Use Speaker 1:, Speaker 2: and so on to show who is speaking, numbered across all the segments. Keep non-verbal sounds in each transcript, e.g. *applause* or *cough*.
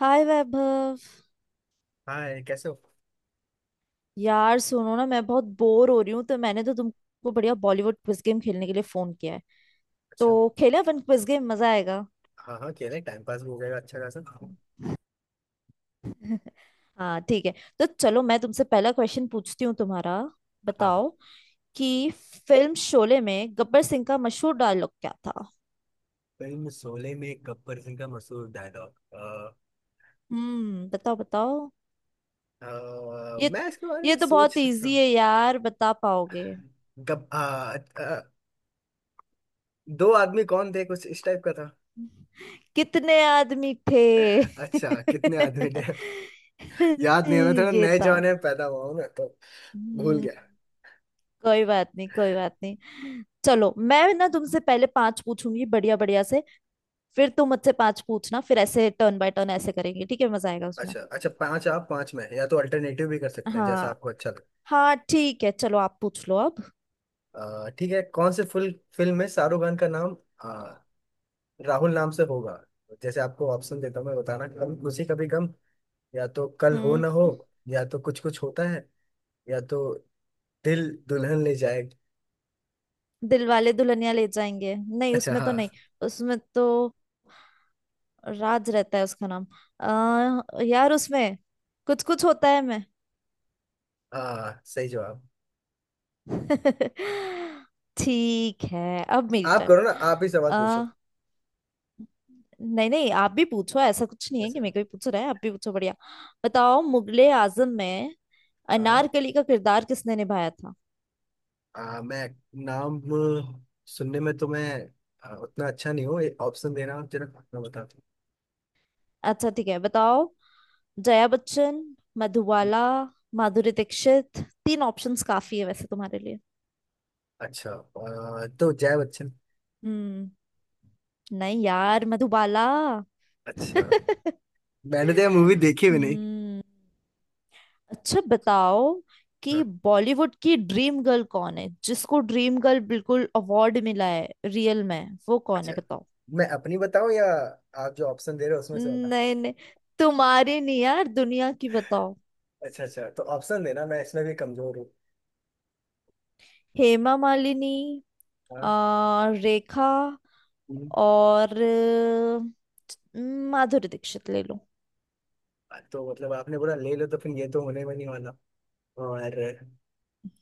Speaker 1: हाय वैभव।
Speaker 2: हाँ, कैसे हो।
Speaker 1: यार सुनो ना, मैं बहुत बोर हो रही हूँ, तो मैंने तो तुमको बढ़िया बॉलीवुड क्विज गेम खेलने के लिए फोन किया है।
Speaker 2: अच्छा।
Speaker 1: तो खेले अपन क्विज गेम, मजा आएगा।
Speaker 2: हाँ हाँ, क्यों नहीं, टाइम पास भी हो जाएगा अच्छा खासा।
Speaker 1: हाँ ठीक है। तो चलो मैं तुमसे पहला क्वेश्चन पूछती हूँ तुम्हारा।
Speaker 2: हाँ।
Speaker 1: बताओ कि फिल्म शोले में गब्बर सिंह का मशहूर डायलॉग क्या था।
Speaker 2: फिल्म शोले में गब्बर सिंह का मशहूर डायलॉग।
Speaker 1: हम्म, बताओ बताओ। ये
Speaker 2: मैं इसके बारे
Speaker 1: ये
Speaker 2: में
Speaker 1: तो
Speaker 2: सोच
Speaker 1: बहुत
Speaker 2: सकता
Speaker 1: इजी
Speaker 2: हूँ।
Speaker 1: है यार, बता पाओगे?
Speaker 2: गब आ, आ, दो आदमी कौन थे, कुछ इस टाइप का था।
Speaker 1: कितने आदमी थे
Speaker 2: अच्छा, कितने आदमी थे। *laughs* याद नहीं है, मैं
Speaker 1: *laughs*
Speaker 2: थोड़ा
Speaker 1: ये
Speaker 2: नए
Speaker 1: था।
Speaker 2: जमाने में पैदा हुआ हूँ ना, तो भूल
Speaker 1: हम्म।
Speaker 2: गया।
Speaker 1: कोई बात नहीं, कोई बात नहीं। चलो मैं ना तुमसे पहले पांच पूछूंगी बढ़िया बढ़िया से, फिर तुम मुझसे पांच पूछना। फिर ऐसे टर्न बाय टर्न ऐसे करेंगे, ठीक है? मजा आएगा उसमें।
Speaker 2: अच्छा अच्छा, पांच आप पांच में या तो अल्टरनेटिव भी कर सकते हैं, जैसा
Speaker 1: हाँ
Speaker 2: आपको अच्छा लगे।
Speaker 1: हाँ ठीक है, चलो आप पूछ लो अब।
Speaker 2: ठीक है, कौन से फुल फिल्म में शाहरुख खान का नाम राहुल नाम से होगा। जैसे आपको ऑप्शन देता हूँ मैं, बताना। कभी खुशी कभी गम, या तो कल हो ना हो,
Speaker 1: हम्म।
Speaker 2: या तो कुछ कुछ होता है, या तो दिल दुल्हन ले जाए।
Speaker 1: दिलवाले दुल्हनिया ले जाएंगे? नहीं,
Speaker 2: अच्छा
Speaker 1: उसमें तो
Speaker 2: हाँ।
Speaker 1: नहीं। उसमें तो राज रहता है उसका नाम। यार उसमें कुछ कुछ होता है मैं।
Speaker 2: हाँ, सही जवाब।
Speaker 1: *laughs* ठीक है, अब मेरी
Speaker 2: आप
Speaker 1: टर्न।
Speaker 2: करो ना, आप ही सवाल पूछो।
Speaker 1: नहीं नहीं, आप भी पूछो। ऐसा कुछ नहीं है कि
Speaker 2: वैसे।
Speaker 1: मेरे को ही पूछ रहा है, आप भी पूछो बढ़िया। बताओ मुगले आजम में
Speaker 2: हाँ।
Speaker 1: अनारकली का किरदार किसने निभाया था।
Speaker 2: मैं नाम सुनने में तो मैं उतना अच्छा नहीं हूँ, ये ऑप्शन देना आप जरा, मैं बताता
Speaker 1: अच्छा ठीक है, बताओ। जया बच्चन,
Speaker 2: हूँ।
Speaker 1: मधुबाला, माधुरी दीक्षित। तीन ऑप्शंस काफी है वैसे तुम्हारे लिए।
Speaker 2: अच्छा, तो जया बच्चन।
Speaker 1: हम्म। नहीं यार, मधुबाला।
Speaker 2: अच्छा।
Speaker 1: *laughs*
Speaker 2: मैंने तो ये मूवी देखी भी नहीं।
Speaker 1: हम्म। अच्छा बताओ कि
Speaker 2: हाँ।
Speaker 1: बॉलीवुड की ड्रीम गर्ल कौन है, जिसको ड्रीम गर्ल बिल्कुल अवार्ड मिला है रियल में, वो कौन
Speaker 2: अच्छा,
Speaker 1: है बताओ।
Speaker 2: मैं अपनी बताऊं या आप जो ऑप्शन दे रहे हो उसमें से बता।
Speaker 1: नहीं नहीं, तुम्हारी नहीं यार, दुनिया की बताओ।
Speaker 2: अच्छा अच्छा, तो ऑप्शन देना, मैं इसमें भी कमजोर हूँ।
Speaker 1: हेमा मालिनी,
Speaker 2: हाँ।
Speaker 1: रेखा,
Speaker 2: हम्म।
Speaker 1: और माधुरी दीक्षित, ले लो।
Speaker 2: तो मतलब आपने बोला ले लो, तो फिर ये तो होने में नहीं वाला। और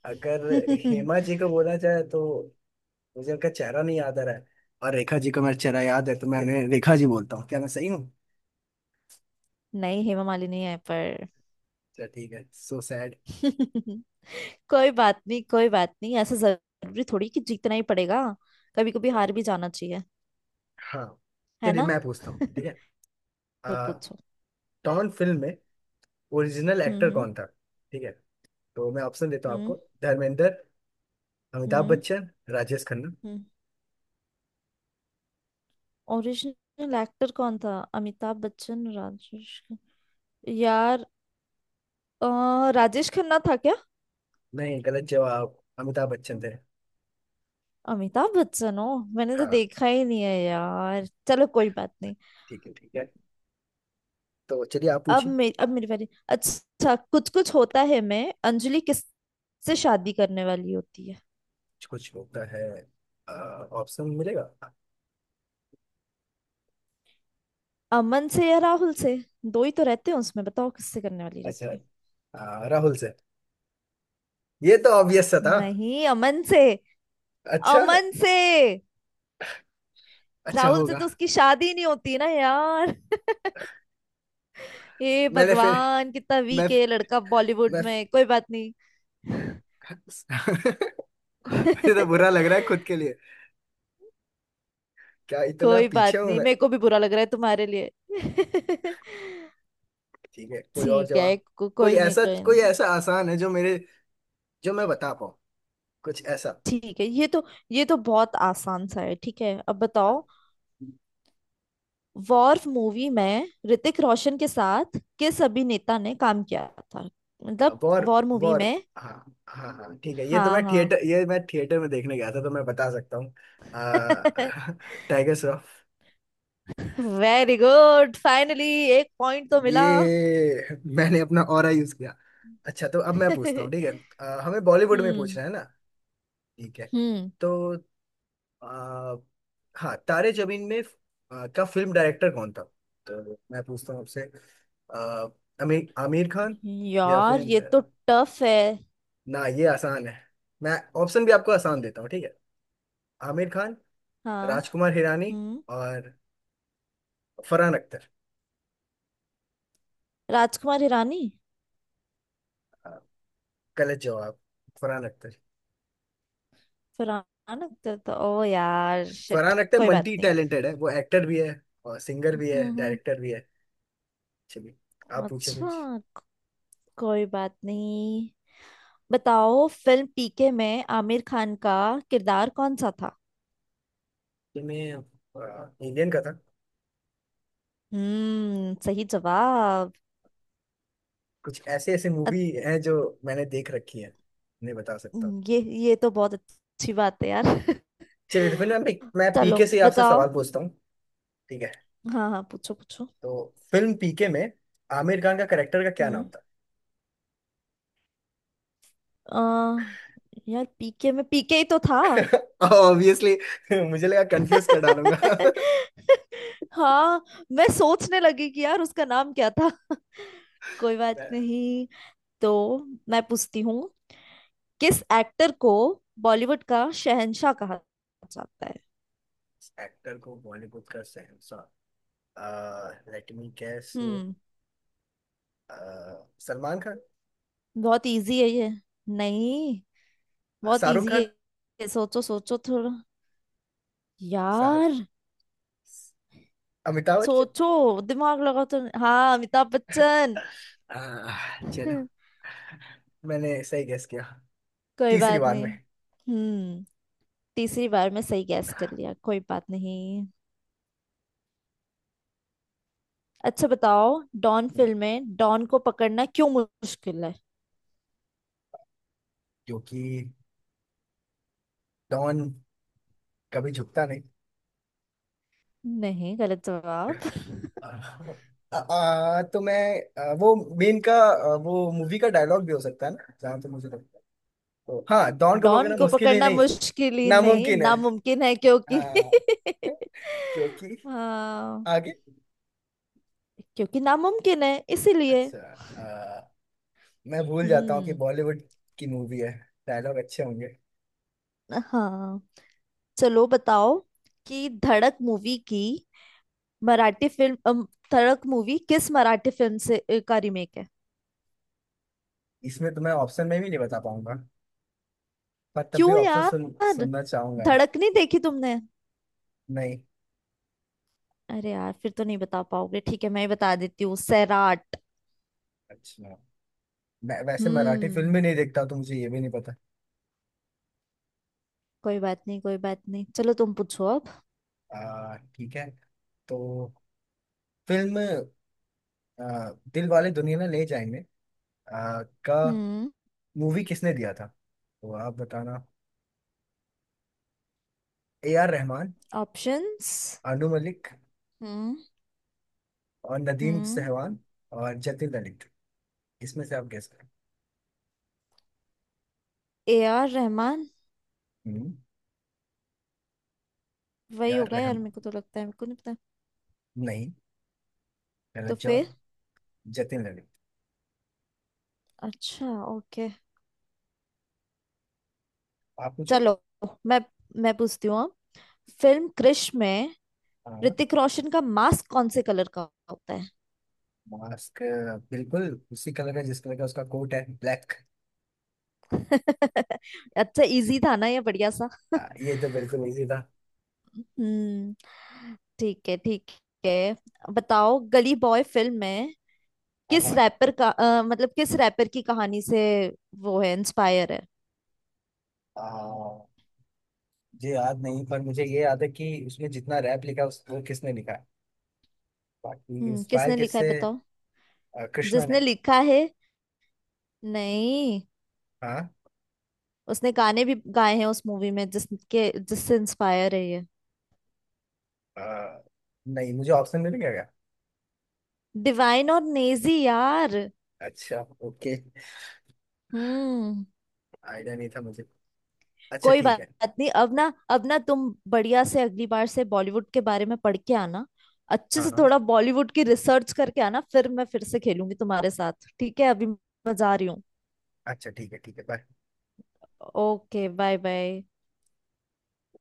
Speaker 2: अगर
Speaker 1: *laughs* नहीं,
Speaker 2: हेमा जी को बोला जाए तो मुझे उनका चेहरा नहीं याद आ रहा है, और रेखा जी को मेरा चेहरा याद है, तो मैं उन्हें रेखा जी बोलता हूँ। क्या मैं सही हूँ।
Speaker 1: हेमा मालिनी है पर।
Speaker 2: चलो ठीक है, सो सैड।
Speaker 1: *laughs* कोई बात नहीं, कोई बात नहीं। ऐसा जरूरी थोड़ी कि जीतना ही पड़ेगा, कभी कभी हार भी जाना चाहिए,
Speaker 2: हाँ।
Speaker 1: है
Speaker 2: चलिए
Speaker 1: ना?
Speaker 2: मैं पूछता हूँ,
Speaker 1: *laughs*
Speaker 2: ठीक है।
Speaker 1: तो
Speaker 2: आ,
Speaker 1: पूछो।
Speaker 2: टॉन फिल्म में ओरिजिनल एक्टर
Speaker 1: हम्म।
Speaker 2: कौन था। ठीक है, तो मैं ऑप्शन देता हूँ
Speaker 1: हम्म
Speaker 2: आपको। धर्मेंद्र, अमिताभ
Speaker 1: हम्म
Speaker 2: बच्चन, राजेश खन्ना।
Speaker 1: हम्म। ओरिजिनल एक्टर कौन था, अमिताभ बच्चन, राजेश। यार, राजेश खन्ना था क्या?
Speaker 2: नहीं, गलत जवाब, अमिताभ बच्चन थे।
Speaker 1: अमिताभ बच्चन हो। मैंने तो
Speaker 2: हाँ,
Speaker 1: देखा ही नहीं है यार, चलो कोई बात नहीं।
Speaker 2: ठीक है ठीक है, तो चलिए आप पूछिए।
Speaker 1: अब मेरी बारी। अच्छा, कुछ कुछ होता है मैं अंजलि किस से शादी करने वाली होती है,
Speaker 2: कुछ होता है। अ, ऑप्शन मिलेगा।
Speaker 1: अमन से या राहुल से? दो ही तो रहते हैं उसमें, बताओ किससे करने वाली
Speaker 2: अच्छा।
Speaker 1: रहती है।
Speaker 2: राहुल से। ये तो ऑब्वियस सा था।
Speaker 1: नहीं, अमन से।
Speaker 2: अच्छा।
Speaker 1: अमन से।
Speaker 2: अच्छा
Speaker 1: राहुल से
Speaker 2: होगा।
Speaker 1: तो उसकी शादी नहीं होती ना यार। हे
Speaker 2: मैंने फिर
Speaker 1: भगवान, कितना
Speaker 2: मैं
Speaker 1: वीक है ये लड़का बॉलीवुड
Speaker 2: मैं
Speaker 1: में, कोई बात नहीं।
Speaker 2: *laughs* मुझे तो बुरा लग रहा है खुद
Speaker 1: *laughs*
Speaker 2: के लिए। क्या इतना
Speaker 1: कोई
Speaker 2: पीछे
Speaker 1: बात
Speaker 2: हूं
Speaker 1: नहीं,
Speaker 2: मैं।
Speaker 1: मेरे को भी बुरा लग रहा है तुम्हारे लिए। *laughs*
Speaker 2: ठीक है, कोई और
Speaker 1: ठीक है,
Speaker 2: जवाब। कोई
Speaker 1: कोई नहीं,
Speaker 2: ऐसा
Speaker 1: कोई
Speaker 2: कोई
Speaker 1: नहीं।
Speaker 2: ऐसा आसान है जो मेरे जो मैं बता पाऊँ, कुछ ऐसा।
Speaker 1: ठीक है, ये तो बहुत आसान सा है। ठीक है, अब बताओ वॉर मूवी में ऋतिक रोशन के साथ किस अभिनेता ने काम किया था। मतलब,
Speaker 2: वॉर।
Speaker 1: वॉर मूवी
Speaker 2: वॉर।
Speaker 1: में।
Speaker 2: हाँ हाँ हाँ, ठीक है,
Speaker 1: हाँ हाँ।
Speaker 2: ये मैं थिएटर में देखने गया था तो मैं बता सकता हूँ।
Speaker 1: *laughs*
Speaker 2: Tiger Shroff.
Speaker 1: Very good, finally एक पॉइंट तो
Speaker 2: *laughs*
Speaker 1: मिला।
Speaker 2: ये मैंने अपना ऑरा यूज किया। अच्छा, तो अब मैं पूछता हूँ, ठीक है।
Speaker 1: *laughs*
Speaker 2: हमें बॉलीवुड में
Speaker 1: हम्म
Speaker 2: पूछना है ना। ठीक है।
Speaker 1: हम्म।
Speaker 2: तो आ, हाँ, तारे जमीन में का फिल्म डायरेक्टर कौन था, तो मैं पूछता हूँ आपसे। आ, आमिर आमिर खान, या
Speaker 1: यार
Speaker 2: फिर,
Speaker 1: ये तो टफ है।
Speaker 2: ना ये आसान है, मैं ऑप्शन भी आपको आसान देता हूँ, ठीक है। आमिर खान,
Speaker 1: हाँ।
Speaker 2: राजकुमार हिरानी,
Speaker 1: हम्म।
Speaker 2: और फरहान अख्तर।
Speaker 1: राजकुमार हिरानी।
Speaker 2: हाँ, गलत जवाब, फरहान अख्तर।
Speaker 1: पुराना लगता था, ओ यार शिट,
Speaker 2: फरहान अख्तर
Speaker 1: कोई बात
Speaker 2: मल्टी
Speaker 1: नहीं।
Speaker 2: टैलेंटेड है, वो एक्टर भी है और सिंगर भी है,
Speaker 1: हम्म।
Speaker 2: डायरेक्टर भी है। चलिए आप पूछे
Speaker 1: अच्छा,
Speaker 2: कुछ।
Speaker 1: कोई बात नहीं। बताओ फिल्म पीके में आमिर खान का किरदार कौन सा था।
Speaker 2: ये मैं, इंडियन का था।
Speaker 1: हम्म, सही जवाब।
Speaker 2: कुछ ऐसे ऐसे मूवी
Speaker 1: अत-
Speaker 2: हैं जो मैंने देख रखी है, नहीं बता सकता हूँ।
Speaker 1: ये ये तो बहुत अच्छी बात है यार।
Speaker 2: चलिए, तो फिर
Speaker 1: *laughs*
Speaker 2: मैं
Speaker 1: चलो
Speaker 2: पीके से आपसे
Speaker 1: बताओ।
Speaker 2: सवाल पूछता हूँ, ठीक है।
Speaker 1: हाँ हाँ, पूछो पूछो।
Speaker 2: तो फिल्म पीके में आमिर खान का करेक्टर का क्या
Speaker 1: हम्म।
Speaker 2: नाम था।
Speaker 1: अ, यार पीके में पीके ही तो था।
Speaker 2: *laughs* ऑब्वियसली, मुझे लगा कंफ्यूज कर डालूंगा।
Speaker 1: *laughs* हाँ, मैं सोचने लगी कि यार उसका नाम क्या था। *laughs* कोई बात
Speaker 2: *laughs*
Speaker 1: नहीं। तो मैं पूछती हूँ, किस एक्टर को बॉलीवुड का शहंशाह कहा जाता है।
Speaker 2: एक्टर को बॉलीवुड का शहंशाह। लेट मी गेस,
Speaker 1: हम्म।
Speaker 2: सलमान खान।
Speaker 1: बहुत इजी है ये, नहीं, बहुत
Speaker 2: शाहरुख
Speaker 1: इजी है
Speaker 2: खान।
Speaker 1: ये। सोचो सोचो थोड़ा
Speaker 2: शाह-
Speaker 1: यार,
Speaker 2: अमिताभ बच्चन।
Speaker 1: सोचो दिमाग लगाओ। तो हाँ, अमिताभ बच्चन।
Speaker 2: अ, चलो,
Speaker 1: *laughs*
Speaker 2: मैंने सही गेस किया
Speaker 1: कोई
Speaker 2: तीसरी
Speaker 1: बात
Speaker 2: बार
Speaker 1: नहीं।
Speaker 2: में।
Speaker 1: हम्म। तीसरी बार में सही गैस कर लिया, कोई बात नहीं। अच्छा बताओ, डॉन फिल्म में डॉन को पकड़ना क्यों मुश्किल है।
Speaker 2: क्योंकि डॉन कभी झुकता नहीं।
Speaker 1: नहीं, गलत जवाब।
Speaker 2: अ, तो मैं, वो मेन का, वो मूवी का डायलॉग भी हो सकता है ना, जहाँ तक मुझे लगता है, तो हाँ, डॉन
Speaker 1: *laughs*
Speaker 2: को
Speaker 1: डॉन
Speaker 2: पकड़ना
Speaker 1: को
Speaker 2: मुश्किल ही
Speaker 1: पकड़ना
Speaker 2: नहीं,
Speaker 1: मुश्किल ही नहीं,
Speaker 2: नामुमकिन है।
Speaker 1: नामुमकिन है क्योंकि।
Speaker 2: हाँ,
Speaker 1: *laughs*
Speaker 2: क्योंकि,
Speaker 1: हाँ,
Speaker 2: आगे।
Speaker 1: क्योंकि नामुमकिन है इसीलिए।
Speaker 2: अच्छा, मैं भूल जाता हूँ कि
Speaker 1: हम्म।
Speaker 2: बॉलीवुड की मूवी है, डायलॉग अच्छे होंगे।
Speaker 1: हाँ चलो बताओ कि धड़क मूवी की मराठी फिल्म धड़क मूवी किस मराठी फिल्म से का रीमेक है।
Speaker 2: इसमें तो मैं ऑप्शन में भी नहीं बता पाऊंगा, पर तब भी
Speaker 1: क्यों
Speaker 2: ऑप्शन
Speaker 1: यार,
Speaker 2: सुनना चाहूंगा।
Speaker 1: धड़क नहीं देखी तुमने?
Speaker 2: नहीं।
Speaker 1: अरे यार, फिर तो नहीं बता पाओगे। ठीक है, मैं ही बता देती हूँ, सैराट।
Speaker 2: अच्छा, मैं वैसे मराठी फिल्म
Speaker 1: हम्म।
Speaker 2: भी नहीं देखता, तो मुझे ये भी नहीं पता।
Speaker 1: कोई बात नहीं, कोई बात नहीं, चलो तुम पूछो अब।
Speaker 2: ठीक है। तो फिल्म दिल वाले दुनिया ना ले जाएंगे का
Speaker 1: हम्म।
Speaker 2: मूवी किसने दिया था, तो आप बताना। A R Rahman,
Speaker 1: options.
Speaker 2: Anu Malik
Speaker 1: हम्म
Speaker 2: और नदीम
Speaker 1: हम्म।
Speaker 2: सहवान, और जतिन ललित, इसमें से आप गेस करो।
Speaker 1: A R Rahman.
Speaker 2: हम्म।
Speaker 1: वही
Speaker 2: यार
Speaker 1: होगा
Speaker 2: रहम
Speaker 1: यार, मेरे को तो लगता है, मेरे को नहीं पता।
Speaker 2: नहीं,
Speaker 1: तो
Speaker 2: रजत जवान,
Speaker 1: फिर,
Speaker 2: जतिन ललित।
Speaker 1: अच्छा, ओके।
Speaker 2: आप पूछो।
Speaker 1: चलो मैं मैं पूछती हूँ अब। फिल्म क्रिश में
Speaker 2: हाँ।
Speaker 1: ऋतिक रोशन का मास्क कौन से कलर का होता है।
Speaker 2: मास्क, बिल्कुल उसी कलर का जिस कलर का उसका कोट है, ब्लैक।
Speaker 1: *laughs* अच्छा, इजी था ना ये बढ़िया सा।
Speaker 2: ये तो बिल्कुल इजी था।
Speaker 1: हम्म। ठीक है, ठीक है। बताओ गली बॉय फिल्म में
Speaker 2: हाँ
Speaker 1: किस
Speaker 2: हाँ।
Speaker 1: रैपर का, मतलब किस रैपर की कहानी से वो है, इंस्पायर है।
Speaker 2: आ, मुझे याद नहीं, पर मुझे ये याद है कि उसमें जितना रैप लिखा, उस वो किसने लिखा है, बाकी
Speaker 1: हम्म,
Speaker 2: इंस्पायर
Speaker 1: किसने लिखा है
Speaker 2: किससे।
Speaker 1: बताओ।
Speaker 2: कृष्णा
Speaker 1: जिसने
Speaker 2: ने।
Speaker 1: लिखा है, नहीं,
Speaker 2: हाँ।
Speaker 1: उसने गाने भी गाए हैं उस मूवी में, जिसके जिससे इंस्पायर है ये।
Speaker 2: आ, नहीं, मुझे ऑप्शन मिलेगा क्या।
Speaker 1: डिवाइन और नेजी यार।
Speaker 2: अच्छा, ओके।
Speaker 1: हम्म।
Speaker 2: आइडिया नहीं था मुझे। अच्छा
Speaker 1: कोई
Speaker 2: ठीक है।
Speaker 1: बात नहीं, अब ना, अब ना तुम बढ़िया से अगली बार से बॉलीवुड के बारे में पढ़ के आना। अच्छे
Speaker 2: हाँ
Speaker 1: से
Speaker 2: हाँ,
Speaker 1: थोड़ा बॉलीवुड की रिसर्च करके आना, फिर मैं फिर से खेलूंगी तुम्हारे साथ, ठीक है? अभी मैं जा रही हूँ।
Speaker 2: अच्छा ठीक है ठीक है, बाय।
Speaker 1: Okay, bye bye.